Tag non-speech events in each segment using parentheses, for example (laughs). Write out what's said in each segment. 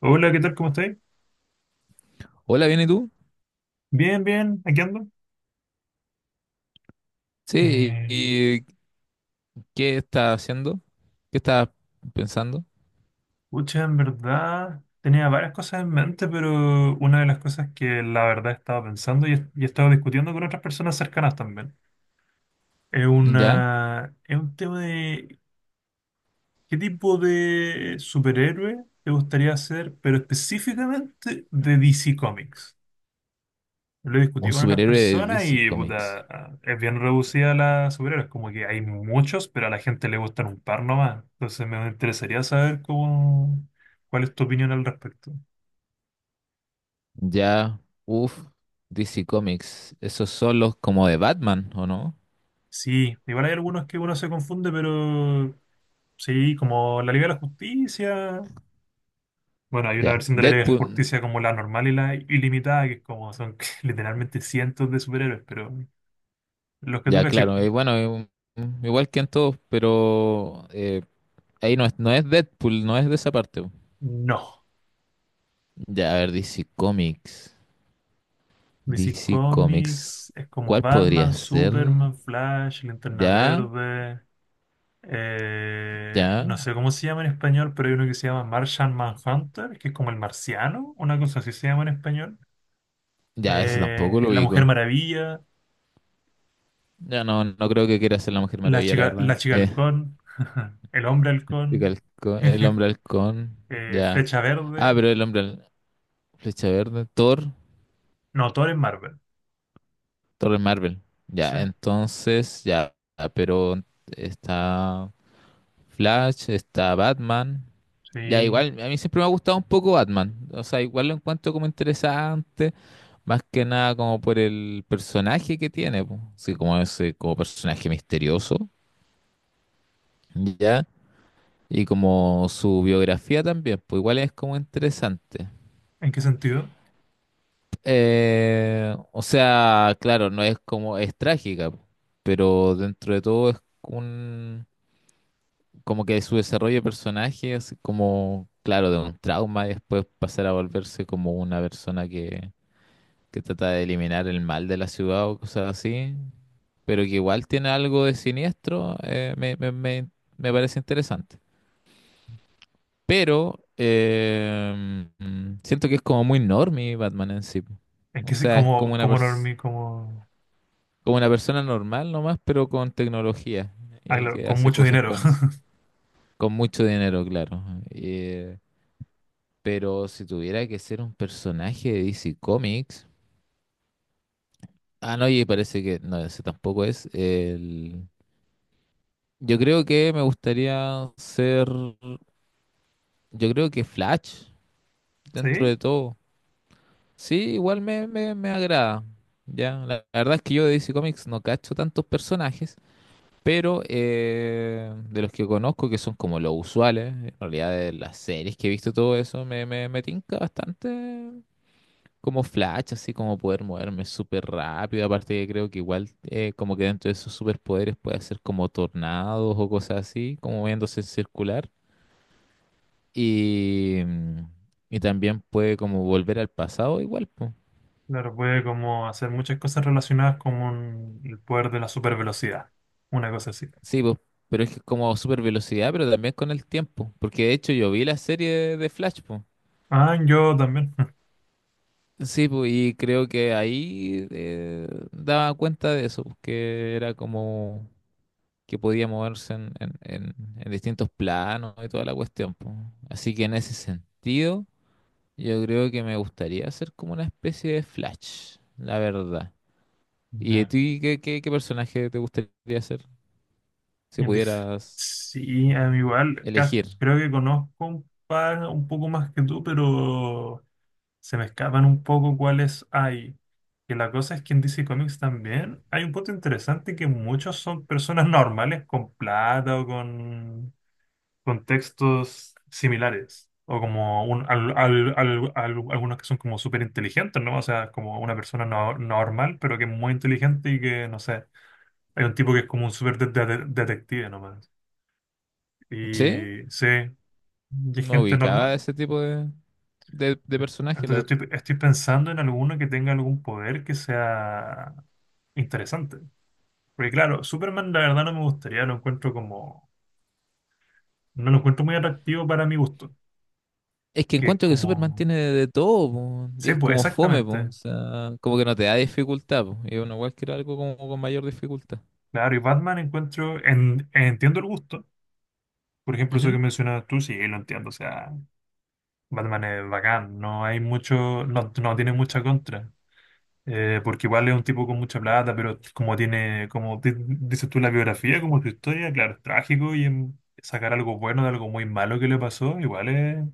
Hola, ¿qué tal? ¿Cómo estáis? Hola, ¿bien y tú? Bien, bien, aquí ando. Sí, Eh, ¿y qué estás haciendo? ¿Qué estás pensando? Pucha, en verdad tenía varias cosas en mente, pero una de las cosas que la verdad he estado pensando y he estado discutiendo con otras personas cercanas también Ya, es un tema de qué tipo de superhéroe te gustaría ser, pero específicamente de DC Comics. Lo he un discutido con otras superhéroe de personas DC y puta, Comics. Es bien reducida la superhéroes, como que hay muchos, pero a la gente le gustan un par nomás. Entonces me interesaría saber cuál es tu opinión al respecto. Ya, uff, DC Comics. Esos son los como de Batman, ¿o no? Sí, igual hay algunos que uno se confunde, pero sí, como la Liga de la Justicia. Bueno, hay una Ya, versión de la Liga de la Deadpool. Justicia como la normal y la ilimitada, que es como son (laughs) literalmente cientos de superhéroes, pero los que tú Ya, caché, claro, y bueno, igual que en todos, pero ahí no es Deadpool, no es de esa parte. no. Ya, a ver, DC Comics. DC DC Comics. Comics es como ¿Cuál Batman, podría ser? Superman, Flash, Linterna Ya, Verde. Ya, No sé cómo se llama en español, pero hay uno que se llama Martian Manhunter, que es como el marciano, una cosa así se llama en español. ya, ese tampoco lo La Mujer ubico. Maravilla, Ya, no, no creo que quiera ser la Mujer Maravilla, la la verdad. chica halcón, (laughs) el hombre halcón, El (laughs) Hombre Halcón, ya. Flecha Ah, Verde. Flecha Verde, Thor No, todo es Marvel. Torre Marvel. Sí, Ya, entonces, ya, pero está Flash, está Batman. Ya, sí. igual, a mí siempre me ha gustado un poco Batman. O sea, igual lo encuentro como interesante, más que nada como por el personaje que tiene, po. Sí, como ese, como personaje misterioso. Ya. Y como su biografía también, pues igual es como interesante. ¿En qué sentido? O sea, claro, no es como, es trágica, pero dentro de todo como que su desarrollo de personaje es como, claro, de un trauma y después pasar a volverse como una persona que trata de eliminar el mal de la ciudad o cosas así, pero que igual tiene algo de siniestro, me parece interesante. Pero siento que es como muy normie Batman en sí. po. O sea, es como Como, una como pers- normie, como como una persona normal nomás, pero con tecnología ah, y claro, que con hace mucho cosas dinero? con eso. Con mucho dinero, claro. Eh, pero si tuviera que ser un personaje de DC Comics. Ah, no, y parece que. No, ese tampoco es. El... Yo creo que me gustaría ser. Yo creo que Flash, (laughs) dentro ¿Sí? de todo. Sí, igual me agrada. Ya, la verdad es que yo de DC Comics no cacho tantos personajes, pero de los que conozco, que son como los usuales, en realidad de las series que he visto, todo eso me tinca bastante como Flash, así como poder moverme súper rápido. Aparte, que creo que igual, como que dentro de esos superpoderes puede hacer como tornados o cosas así, como moviéndose en circular. Y, mm, y también puede como volver al pasado, igual, pues. Claro, puede como hacer muchas cosas relacionadas con el poder de la supervelocidad. Una cosa así. Sí, pues, pero es que es como super velocidad, pero también con el tiempo. Porque de hecho yo vi la serie de Flash, pues. Ah, yo también. (laughs) Sí, pues, y creo que ahí daba cuenta de eso, pues, que era como que podía moverse en distintos planos y toda la cuestión, pues. Así que en ese sentido, yo creo que me gustaría ser como una especie de Flash, la verdad. ¿Y a Ya. ti qué personaje te gustaría ser si Es dif- pudieras Sí, a mí igual. Elegir? Creo que conozco un par un poco más que tú, pero se me escapan un poco cuáles hay. Que la cosa es que en DC Comics también hay un punto interesante que muchos son personas normales con plata o con contextos similares. O como algunos que son como súper inteligentes, ¿no? O sea, como una persona no, normal, pero que es muy inteligente y que, no sé, hay un tipo que es como un súper detective nomás. ¿Sí? Y sí, y es No gente ubicaba normal. ese tipo de personaje, la verdad. Estoy pensando en alguno que tenga algún poder que sea interesante. Porque claro, Superman la verdad no me gustaría, no lo encuentro muy atractivo para mi gusto. Es que Que es encuentro que Superman como, tiene de todo, po, y sí, es pues como fome, po, o exactamente. sea, como que no te da dificultad, po, y uno igual quiere algo como con mayor dificultad. Claro, y Batman entiendo el gusto. Por ejemplo, eso que Ujú. mencionabas tú, sí, lo entiendo. O sea, Batman es bacán, no hay mucho, no, no tiene mucha contra. Porque igual es un tipo con mucha plata, pero como tiene, como dices tú, la biografía, como su historia, claro, es trágico sacar algo bueno de algo muy malo que le pasó,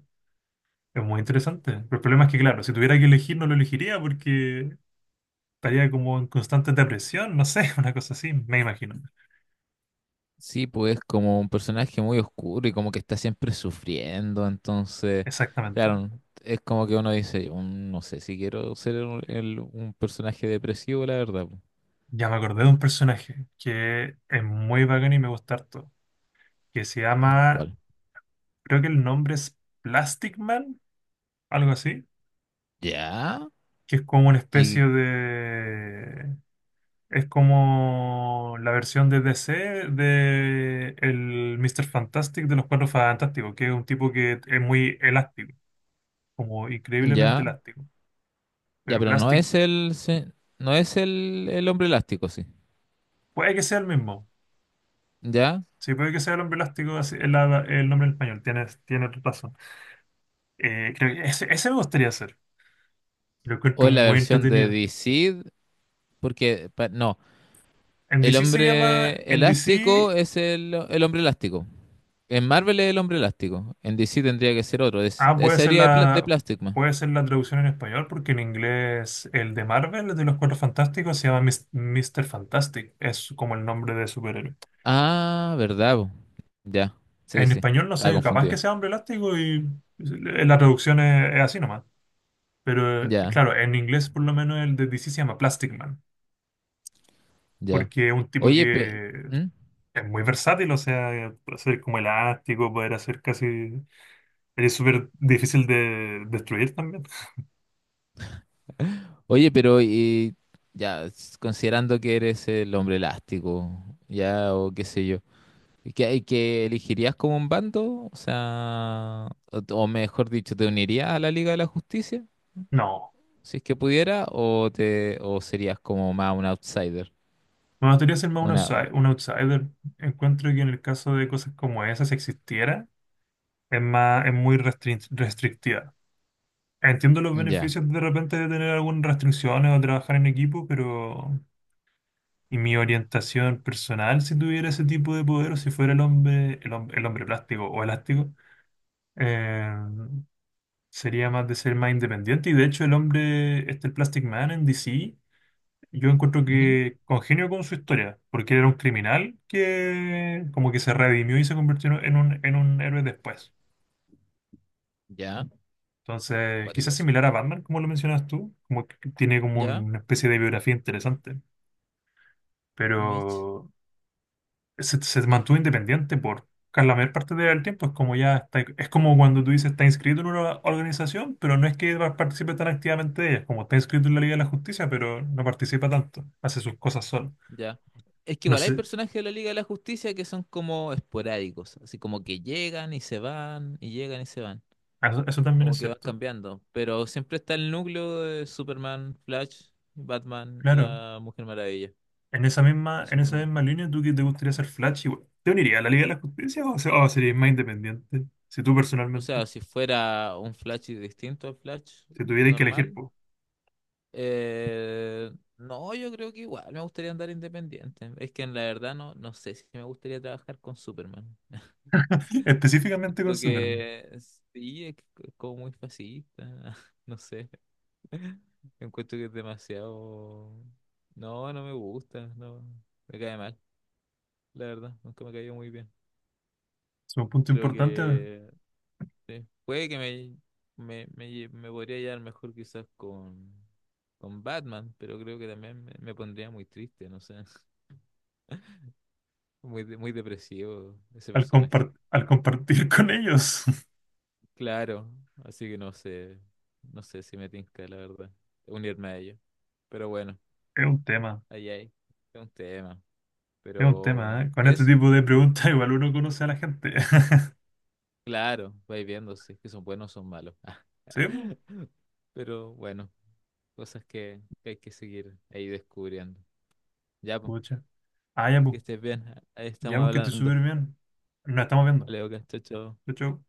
es muy interesante. Pero el problema es que, claro, si tuviera que elegir, no lo elegiría porque estaría como en constante depresión, no sé, (laughs) una cosa así, me imagino. Sí, pues es como un personaje muy oscuro y como que está siempre sufriendo, entonces, Exactamente. claro, es como que uno dice, "Mm, no sé si quiero ser un personaje depresivo, la verdad. Po". Ya me acordé de un personaje que es muy bacán y me gusta harto, que se llama, ¿Cuál? creo que el nombre es Plastic Man, algo así, ¿Ya? que es como una especie ¿Y de... Es como la versión de DC de el Mr. Fantastic de los Cuatro Fantásticos, que es un tipo que es muy elástico, como increíblemente ya? elástico. Ya, Pero pero Plastic no es el hombre elástico, sí. puede que sea el mismo. ¿Ya? Sí, puede que sea el hombre elástico, así es el nombre en español, tienes razón. Creo que ese me gustaría hacer. Lo encuentro O es la muy versión de entretenido. DC, porque no, En el DC se llama hombre en DC. elástico es el hombre elástico. En Marvel es el hombre elástico, en DC tendría que ser otro, Ah, sería de, de Plastic Man. puede ser la traducción en español, porque en inglés el de Marvel, el de los Cuatro Fantásticos, se llama Mr. Fantastic. Es como el nombre de superhéroe. Ah, verdad, po. Ya, sí, En sí, español no estaba sé, capaz que confundido. sea Hombre Elástico y la traducción es así nomás. Pero Ya, claro, en inglés por lo menos el de DC se llama Plastic Man, ya. porque es un tipo Oye, pe- que ¿Mm? es muy versátil, o sea, puede ser como elástico, poder hacer casi eres súper difícil de destruir también. Oye, pero y ya, considerando que eres el hombre elástico, ya, o qué sé yo. ¿Y que elegirías como un bando? O sea, o mejor dicho, ¿te unirías a la Liga de la Justicia? No, Si es que pudiera, o serías como más un outsider. me gustaría ser más un Una, u- un outsider. Encuentro que en el caso de cosas como esas, si existiera, es más, es muy restrictiva. Entiendo los ya. beneficios de repente de tener algunas restricciones o trabajar en equipo, pero y mi orientación personal, si tuviera ese tipo de poder o si fuera el hombre, el hombre plástico o elástico, eh, sería más de ser más independiente. Y de hecho, el hombre, este el Plastic Man en DC. Yo encuentro Ujú. que congenio con su historia, porque era un criminal que como que se redimió y se convirtió en en un héroe después. Ya, Entonces, cuático quizás eso. similar a Batman, como lo mencionas tú, como que tiene como Ya, una especie de biografía interesante, Mitch, pero se mantuvo independiente por casi la mayor parte del tiempo. Es como ya está, es como cuando tú dices está inscrito en una organización, pero no es que participe tan activamente de ella, como está inscrito en la Liga de la Justicia, pero no participa tanto, hace sus cosas solo. ya. Es que No igual hay sé, personajes de la Liga de la Justicia que son como esporádicos, así como que llegan y se van, y llegan y se van, eso también como es que van cierto. cambiando. Pero siempre está el núcleo de Superman, Flash, Batman, Claro, la Mujer Maravilla. Que en Son esa como misma línea, ¿tú que te gustaría ser Flash igual? ¿Te unirías a la Liga de la Justicia o, o serías más independiente? Si tú O personalmente, sea, si fuera un Flash y distinto al Flash si tuvierais que elegir, normal, po. eh, no, yo creo que igual me gustaría andar independiente. Es que en la verdad no, no sé si me gustaría trabajar con Superman. (laughs) (laughs) Específicamente con Siento Superman. que sí, es como muy fascista, (laughs) no sé. Encuentro que es demasiado... No, no me gusta, no, me cae mal, la verdad, nunca me cayó muy bien. Es un punto Creo importante al, que Sí. Puede que me podría llevar mejor quizás con Batman, pero creo que también me pondría muy triste, no sé. (laughs) Muy depresivo ese personaje. Al compartir con ellos. (laughs) Claro, así que no sé, no sé si me tinca, la verdad, unirme a ello. Pero bueno, Es un tema, ahí hay, es un tema. es un Pero tema, ¿eh? Con este eso, tipo de preguntas igual uno conoce a la gente. (laughs) claro, vais viendo si es que son buenos o son malos. Sí, po. (laughs) Pero bueno, cosas que hay que seguir ahí descubriendo. Ya, pues. Pucha. Ah, ya, pues. Que estés bien. Ahí Ya, estamos pues que estés hablando. súper bien. Nos estamos viendo. Vale, ok, chao, chao. Chau, chau.